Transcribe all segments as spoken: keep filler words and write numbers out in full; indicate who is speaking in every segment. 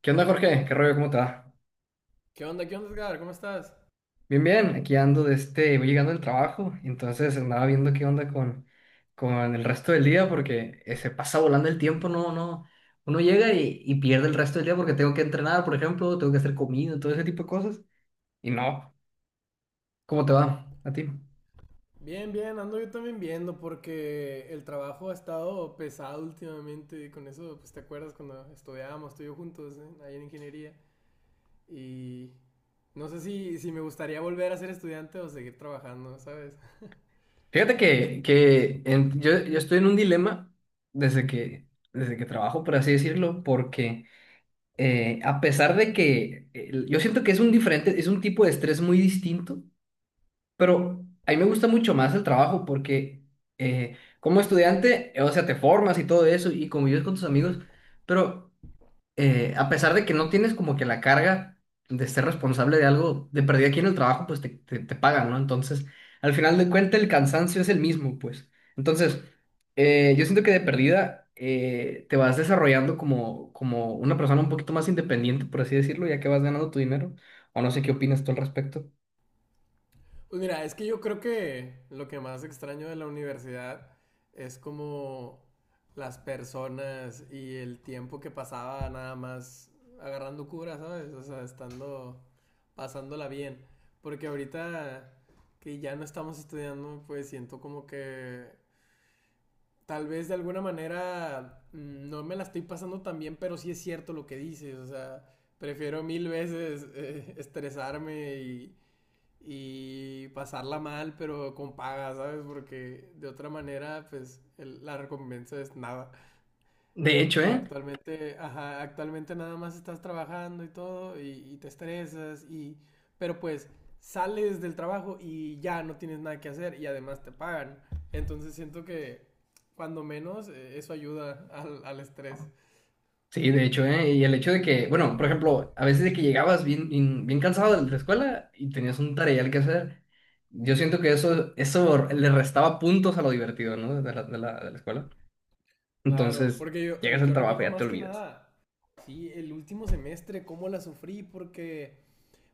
Speaker 1: ¿Qué onda, Jorge? ¿Qué rollo? ¿Cómo te va?
Speaker 2: ¿Qué onda? ¿Qué onda, Edgar? ¿Cómo estás?
Speaker 1: Bien, bien. Aquí ando de este, voy llegando del trabajo, entonces andaba viendo qué onda con, con el resto del día porque eh, se pasa volando el tiempo, no, no. Uno llega y, y pierde el resto del día porque tengo que entrenar, por ejemplo, tengo que hacer comida, todo ese tipo de cosas. Y no, ¿cómo te va a ti?
Speaker 2: Bien, bien, ando yo también viendo porque el trabajo ha estado pesado últimamente. Con eso, pues te acuerdas cuando estudiábamos tú y yo juntos, ¿eh? Ahí en ingeniería. Y no sé si, si me gustaría volver a ser estudiante o seguir trabajando, ¿sabes?
Speaker 1: Fíjate que, que en- yo, yo estoy en un dilema desde que, desde que trabajo, por así decirlo, porque eh, a pesar de que eh, yo siento que es un diferente, es un tipo de estrés muy distinto. Pero a mí me gusta mucho más el trabajo, porque eh, como estudiante, eh, o sea, te formas y todo eso y convives con tus amigos, pero eh, a pesar de que no tienes como que la carga de ser responsable de algo, de perder aquí en el trabajo, pues te, te, te pagan, ¿no? Entonces, al final de cuentas, el cansancio es el mismo, pues. Entonces, eh, yo siento que de perdida eh, te vas desarrollando como, como una persona un poquito más independiente, por así decirlo, ya que vas ganando tu dinero, o no sé qué opinas tú al respecto.
Speaker 2: Pues mira, es que yo creo que lo que más extraño de la universidad es como las personas y el tiempo que pasaba nada más agarrando cura, ¿sabes? O sea, estando, pasándola bien. Porque ahorita que ya no estamos estudiando, pues siento como que tal vez de alguna manera mm, no me la estoy pasando tan bien, pero sí es cierto lo que dices, o sea, prefiero mil veces eh, estresarme y y pasarla mal, pero con paga, ¿sabes? Porque de otra manera, pues el- la recompensa es nada.
Speaker 1: De hecho,
Speaker 2: Y
Speaker 1: ¿eh?
Speaker 2: actualmente, ajá, actualmente nada más estás trabajando y todo, y, y te estresas, y, pero pues sales del trabajo y ya no tienes nada que hacer y además te pagan. Entonces siento que cuando menos eh, eso ayuda al, al estrés.
Speaker 1: Sí, de hecho, ¿eh? Y el hecho de que, bueno, por ejemplo, a veces de que llegabas bien, bien, bien cansado de la escuela y tenías un tareal que hacer, yo siento que eso, eso le restaba puntos a lo divertido, ¿no? De la, de la, de la escuela.
Speaker 2: Claro,
Speaker 1: Entonces,
Speaker 2: porque yo, eh,
Speaker 1: llegas al
Speaker 2: yo
Speaker 1: trabajo y
Speaker 2: recuerdo
Speaker 1: ya te
Speaker 2: más que
Speaker 1: olvidas.
Speaker 2: nada, sí, el último semestre, cómo la sufrí, porque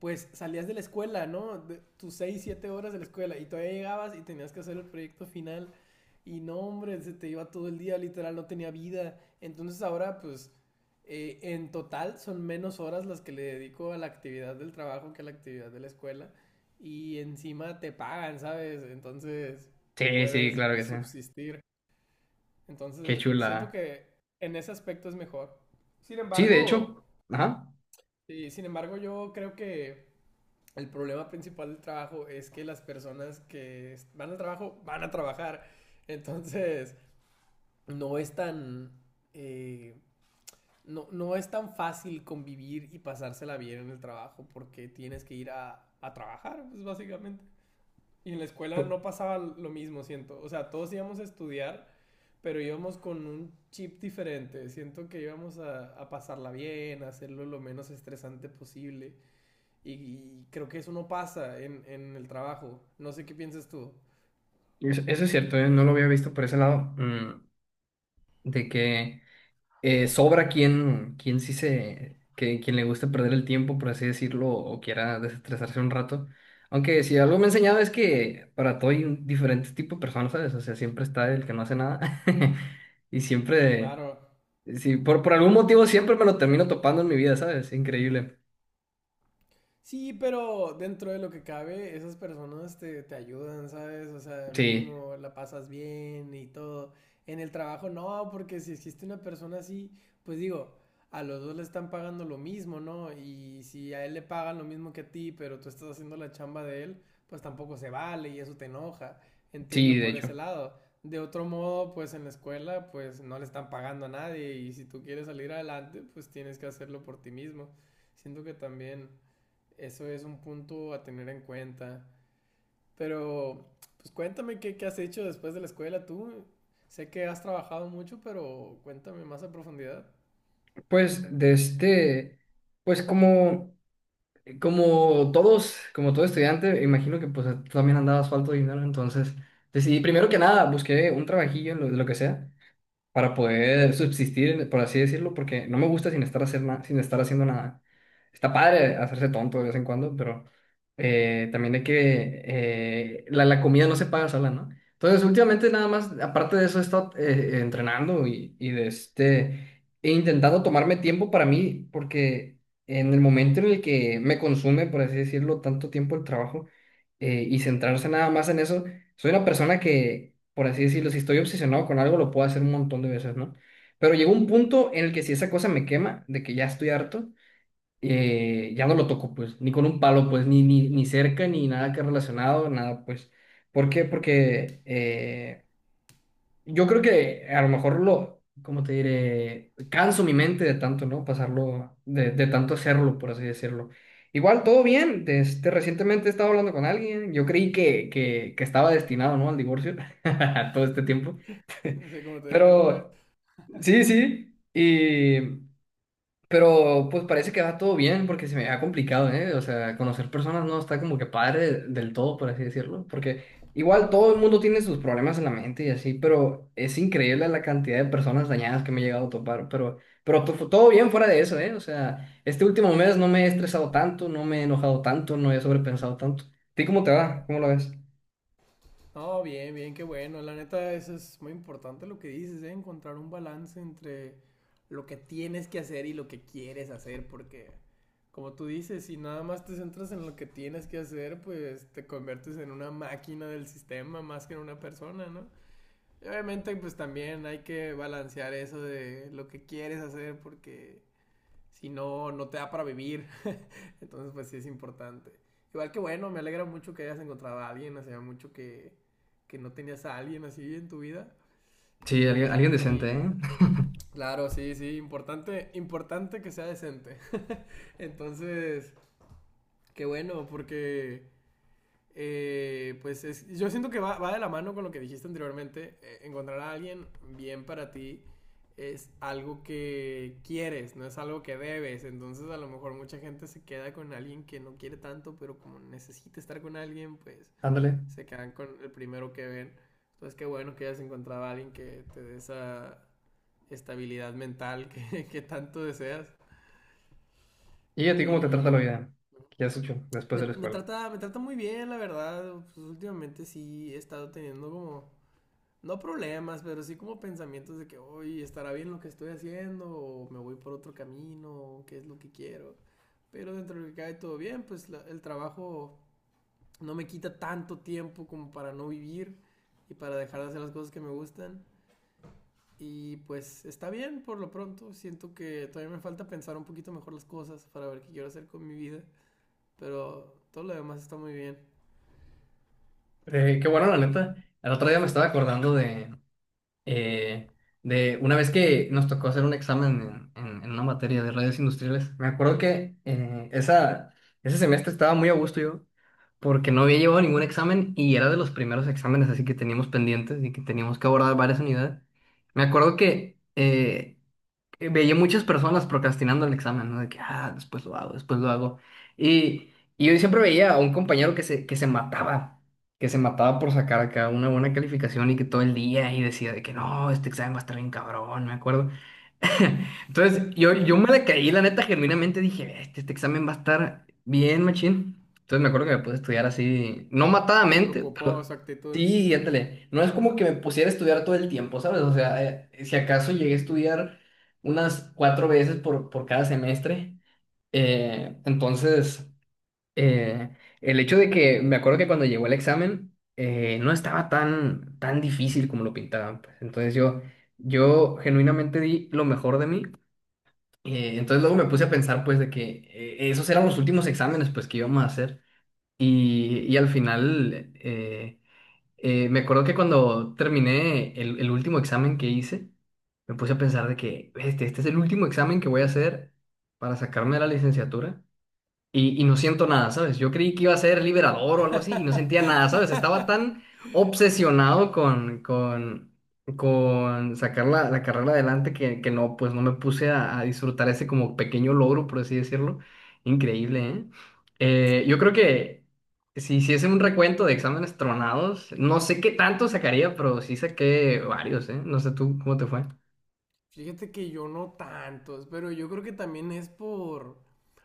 Speaker 2: pues salías de la escuela, ¿no? De tus seis, siete horas de la escuela y todavía llegabas y tenías que hacer el proyecto final y no, hombre, se te iba todo el día, literal, no tenía vida. Entonces ahora, pues, eh, en total son menos horas las que le dedico a la actividad del trabajo que a la actividad de la escuela y encima te pagan, ¿sabes? Entonces
Speaker 1: Sí, sí,
Speaker 2: puedes
Speaker 1: claro que sí.
Speaker 2: subsistir.
Speaker 1: Qué
Speaker 2: Entonces
Speaker 1: chula.
Speaker 2: siento que en ese aspecto es mejor. Sin
Speaker 1: Sí, de
Speaker 2: embargo,
Speaker 1: hecho, ajá.
Speaker 2: sí, sin embargo yo creo que el problema principal del trabajo es que las personas que van al trabajo van a trabajar. Entonces, no es tan eh, no, no es tan fácil convivir y pasársela bien en el trabajo porque tienes que ir a, a trabajar, pues básicamente. Y en la escuela
Speaker 1: pu-
Speaker 2: no pasaba lo mismo, siento. O sea, todos íbamos a estudiar, pero íbamos con un chip diferente. Siento que íbamos a, a pasarla bien, a hacerlo lo menos estresante posible. Y, y creo que eso no pasa en, en el trabajo. No sé qué piensas tú.
Speaker 1: Eso eso es cierto, ¿eh? No lo había visto por ese lado. mm, de que... eh, Sobra quien, quien sí se, que, quien le guste perder el tiempo, por así decirlo, o quiera desestresarse un rato. Aunque si algo me ha enseñado es que para todo hay un diferente tipo de personas, ¿sabes? O sea, siempre está el que no hace nada. Y siempre,
Speaker 2: Claro,
Speaker 1: sí, por, por algún motivo siempre me lo termino topando en mi vida, ¿sabes? Increíble.
Speaker 2: sí, pero dentro de lo que cabe, esas personas te, te ayudan, ¿sabes? O sea,
Speaker 1: Sí,
Speaker 2: mínimo la pasas bien y todo. En el trabajo no, porque si existe una persona así, pues digo, a los dos le están pagando lo mismo, ¿no? Y si a él le pagan lo mismo que a ti, pero tú estás haciendo la chamba de él, pues tampoco se vale y eso te enoja.
Speaker 1: sí,
Speaker 2: Entiendo
Speaker 1: de
Speaker 2: por
Speaker 1: hecho.
Speaker 2: ese lado. De otro modo, pues en la escuela, pues no le están pagando a nadie y si tú quieres salir adelante, pues tienes que hacerlo por ti mismo. Siento que también eso es un punto a tener en cuenta. Pero, pues cuéntame qué, qué has hecho después de la escuela tú. Sé que has trabajado mucho, pero cuéntame más a profundidad.
Speaker 1: Pues de este, pues como... como todos, como todo estudiante, imagino que pues tú también andabas falto de dinero. Entonces decidí, primero que nada, busqué un trabajillo, lo, lo que sea, para poder subsistir, por así decirlo, porque no me gusta sin estar, hacer na- sin estar haciendo nada. Está padre hacerse tonto de vez en cuando, pero eh, también hay que... eh, la, la comida no se paga sola, ¿no? Entonces, últimamente nada más, aparte de eso, he estado eh, entrenando y, y de este, e intentando tomarme tiempo para mí, porque en el momento en el que me consume, por así decirlo, tanto tiempo el trabajo eh, y centrarse nada más en eso, soy una persona que, por así decirlo, si estoy obsesionado con algo, lo puedo hacer un montón de veces, ¿no? Pero llegó un punto en el que si esa cosa me quema, de que ya estoy harto, eh, ya no lo toco, pues, ni con un palo, pues, ni, ni, ni cerca, ni nada que relacionado, nada, pues. ¿Por qué? Porque eh, yo creo que a lo mejor lo, como te diré, canso mi mente de tanto, ¿no? Pasarlo, de, de tanto hacerlo, por así decirlo. Igual, todo bien. De Este, recientemente he estado hablando con alguien. Yo creí que, que, que estaba destinado, ¿no? Al divorcio todo este tiempo.
Speaker 2: Sí, como te dije la otra vez.
Speaker 1: Pero sí, sí. Y pero pues parece que va todo bien, porque se me ha complicado, ¿eh? O sea, conocer personas no está como que padre del todo, por así decirlo, porque igual todo el mundo tiene sus problemas en la mente y así, pero es increíble la cantidad de personas dañadas que me he llegado a topar, pero, pero to- todo bien fuera de eso, ¿eh? O sea, este último mes no me he estresado tanto, no me he enojado tanto, no he sobrepensado tanto. ¿A ti cómo te va? ¿Cómo lo ves?
Speaker 2: No, bien, bien, qué bueno. La neta, eso es muy importante lo que dices, ¿eh? Encontrar un balance entre lo que tienes que hacer y lo que quieres hacer, porque como tú dices, si nada más te centras en lo que tienes que hacer, pues te conviertes en una máquina del sistema más que en una persona, ¿no? Y obviamente, pues también hay que balancear eso de lo que quieres hacer porque si no, no te da para vivir. Entonces, pues sí es importante. Igual que bueno, me alegra mucho que hayas encontrado a alguien, hacía mucho que, que no tenías a alguien así en tu vida.
Speaker 1: Sí, alguien, alguien
Speaker 2: Y,
Speaker 1: decente,
Speaker 2: y
Speaker 1: ¿eh?
Speaker 2: claro, sí, sí, importante, importante que sea decente. Entonces, qué bueno, porque eh, pues es- yo siento que va, va de la mano con lo que dijiste anteriormente. Eh, encontrar a alguien bien para ti es algo que quieres, no es algo que debes. Entonces a lo mejor mucha gente se queda con alguien que no quiere tanto, pero como necesita estar con alguien, pues
Speaker 1: Ándale.
Speaker 2: se quedan con el primero que ven. Entonces qué bueno que hayas encontrado a alguien que te dé esa estabilidad mental que, que tanto deseas.
Speaker 1: ¿Y a ti cómo te trata la
Speaker 2: Y
Speaker 1: vida? ¿Qué has hecho después
Speaker 2: Me,
Speaker 1: de la
Speaker 2: me
Speaker 1: escuela?
Speaker 2: trata, me trata muy bien, la verdad. Pues últimamente sí he estado teniendo como, no problemas, pero sí como pensamientos de que, hoy estará bien lo que estoy haciendo, o me voy por otro camino, o qué es lo que quiero. Pero dentro de lo que cae todo bien, pues la- el trabajo no me quita tanto tiempo como para no vivir y para dejar de hacer las cosas que me gustan. Y pues está bien por lo pronto. Siento que todavía me falta pensar un poquito mejor las cosas para ver qué quiero hacer con mi vida. Pero todo lo demás está muy bien.
Speaker 1: Eh, qué bueno, la neta. El otro día me estaba acordando de, eh, de una vez que nos tocó hacer un examen en, en- en una materia de redes industriales. Me acuerdo que eh, esa, ese semestre estaba muy a gusto yo, porque no había llevado ningún examen y era de los primeros exámenes así que teníamos pendientes y que teníamos que abordar varias unidades. Me acuerdo que eh, eh, veía muchas personas procrastinando el examen, ¿no? De que, ah, después lo hago, después lo hago. Y, y yo siempre veía a un compañero que se, que se mataba, que se mataba por sacar acá una buena calificación y que todo el día y decía de que no, este examen va a estar bien cabrón, me acuerdo. Entonces, yo, yo me decaí, la neta, genuinamente dije, este, este examen va a estar bien, machín. Entonces me acuerdo que me puse a estudiar así, no
Speaker 2: Te
Speaker 1: matadamente,
Speaker 2: preocupó
Speaker 1: pero
Speaker 2: su actitud.
Speaker 1: sí, ándale. No es como que me pusiera a estudiar todo el tiempo, ¿sabes? O sea, eh, si acaso llegué a estudiar unas cuatro veces por, por cada semestre. Eh, entonces, eh, el hecho de que me acuerdo que cuando llegó el examen eh, no estaba tan, tan difícil como lo pintaban, pues. Entonces yo, yo genuinamente di lo mejor de mí. Eh, entonces luego me puse a pensar, pues, de que eh, esos eran los últimos exámenes, pues, que íbamos a hacer. Y, y al final, eh, eh, me acuerdo que cuando terminé el, el último examen que hice, me puse a pensar de que este, este es el último examen que voy a hacer para sacarme de la licenciatura, y, y no siento nada, ¿sabes? Yo creí que iba a ser liberador o algo así y no sentía nada, ¿sabes? Estaba tan obsesionado con, con, con sacar la, la carrera adelante que, que no, pues no me puse a, a disfrutar ese como pequeño logro, por así decirlo. Increíble, ¿eh? Eh, yo creo que si hiciese un recuento de exámenes tronados, no sé qué tanto sacaría, pero sí saqué varios, ¿eh? No sé tú cómo te fue.
Speaker 2: Fíjate que yo no tantos, pero yo creo que también es por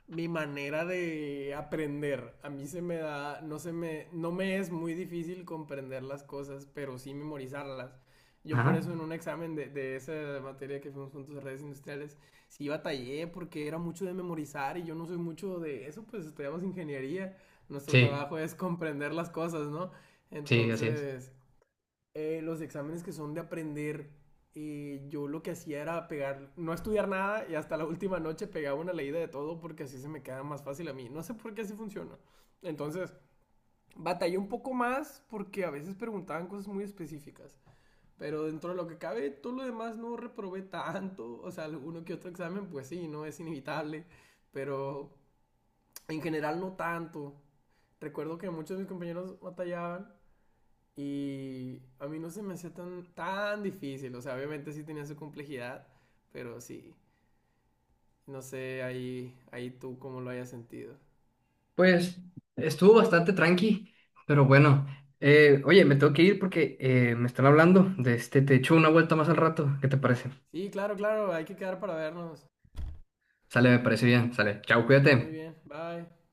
Speaker 2: mi manera de aprender. A mí se me da, no se me, no me es muy difícil comprender las cosas, pero sí memorizarlas. Yo por
Speaker 1: Ajá.
Speaker 2: eso en un examen de, de esa materia que fuimos juntos de redes industriales, sí batallé porque era mucho de memorizar y yo no soy mucho de eso, pues estudiamos ingeniería. Nuestro
Speaker 1: Sí,
Speaker 2: trabajo es comprender las cosas, ¿no?
Speaker 1: sí, así es.
Speaker 2: Entonces, eh, los exámenes que son de aprender, eh, yo lo que hacía era pegar, no estudiar nada y hasta la última noche pegaba una leída de todo porque así se me queda más fácil a mí. No sé por qué así funciona. Entonces, batallé un poco más porque a veces preguntaban cosas muy específicas. Pero dentro de lo que cabe, todo lo demás no reprobé tanto. O sea, uno que otro examen, pues sí, no es inevitable. Pero en general no tanto. Recuerdo que muchos de mis compañeros batallaban y a mí no se me hacía tan, tan difícil. O sea, obviamente sí tenía su complejidad, pero sí. No sé ahí, ahí tú cómo lo hayas sentido.
Speaker 1: Pues estuvo bastante tranqui, pero bueno. Eh, oye, me tengo que ir porque eh, me están hablando de este. Te echo una vuelta más al rato. ¿Qué te parece?
Speaker 2: Sí, claro, claro, hay que quedar para vernos.
Speaker 1: Sale, me parece bien. Sale. Chao,
Speaker 2: Sí, muy
Speaker 1: cuídate.
Speaker 2: bien. Bye.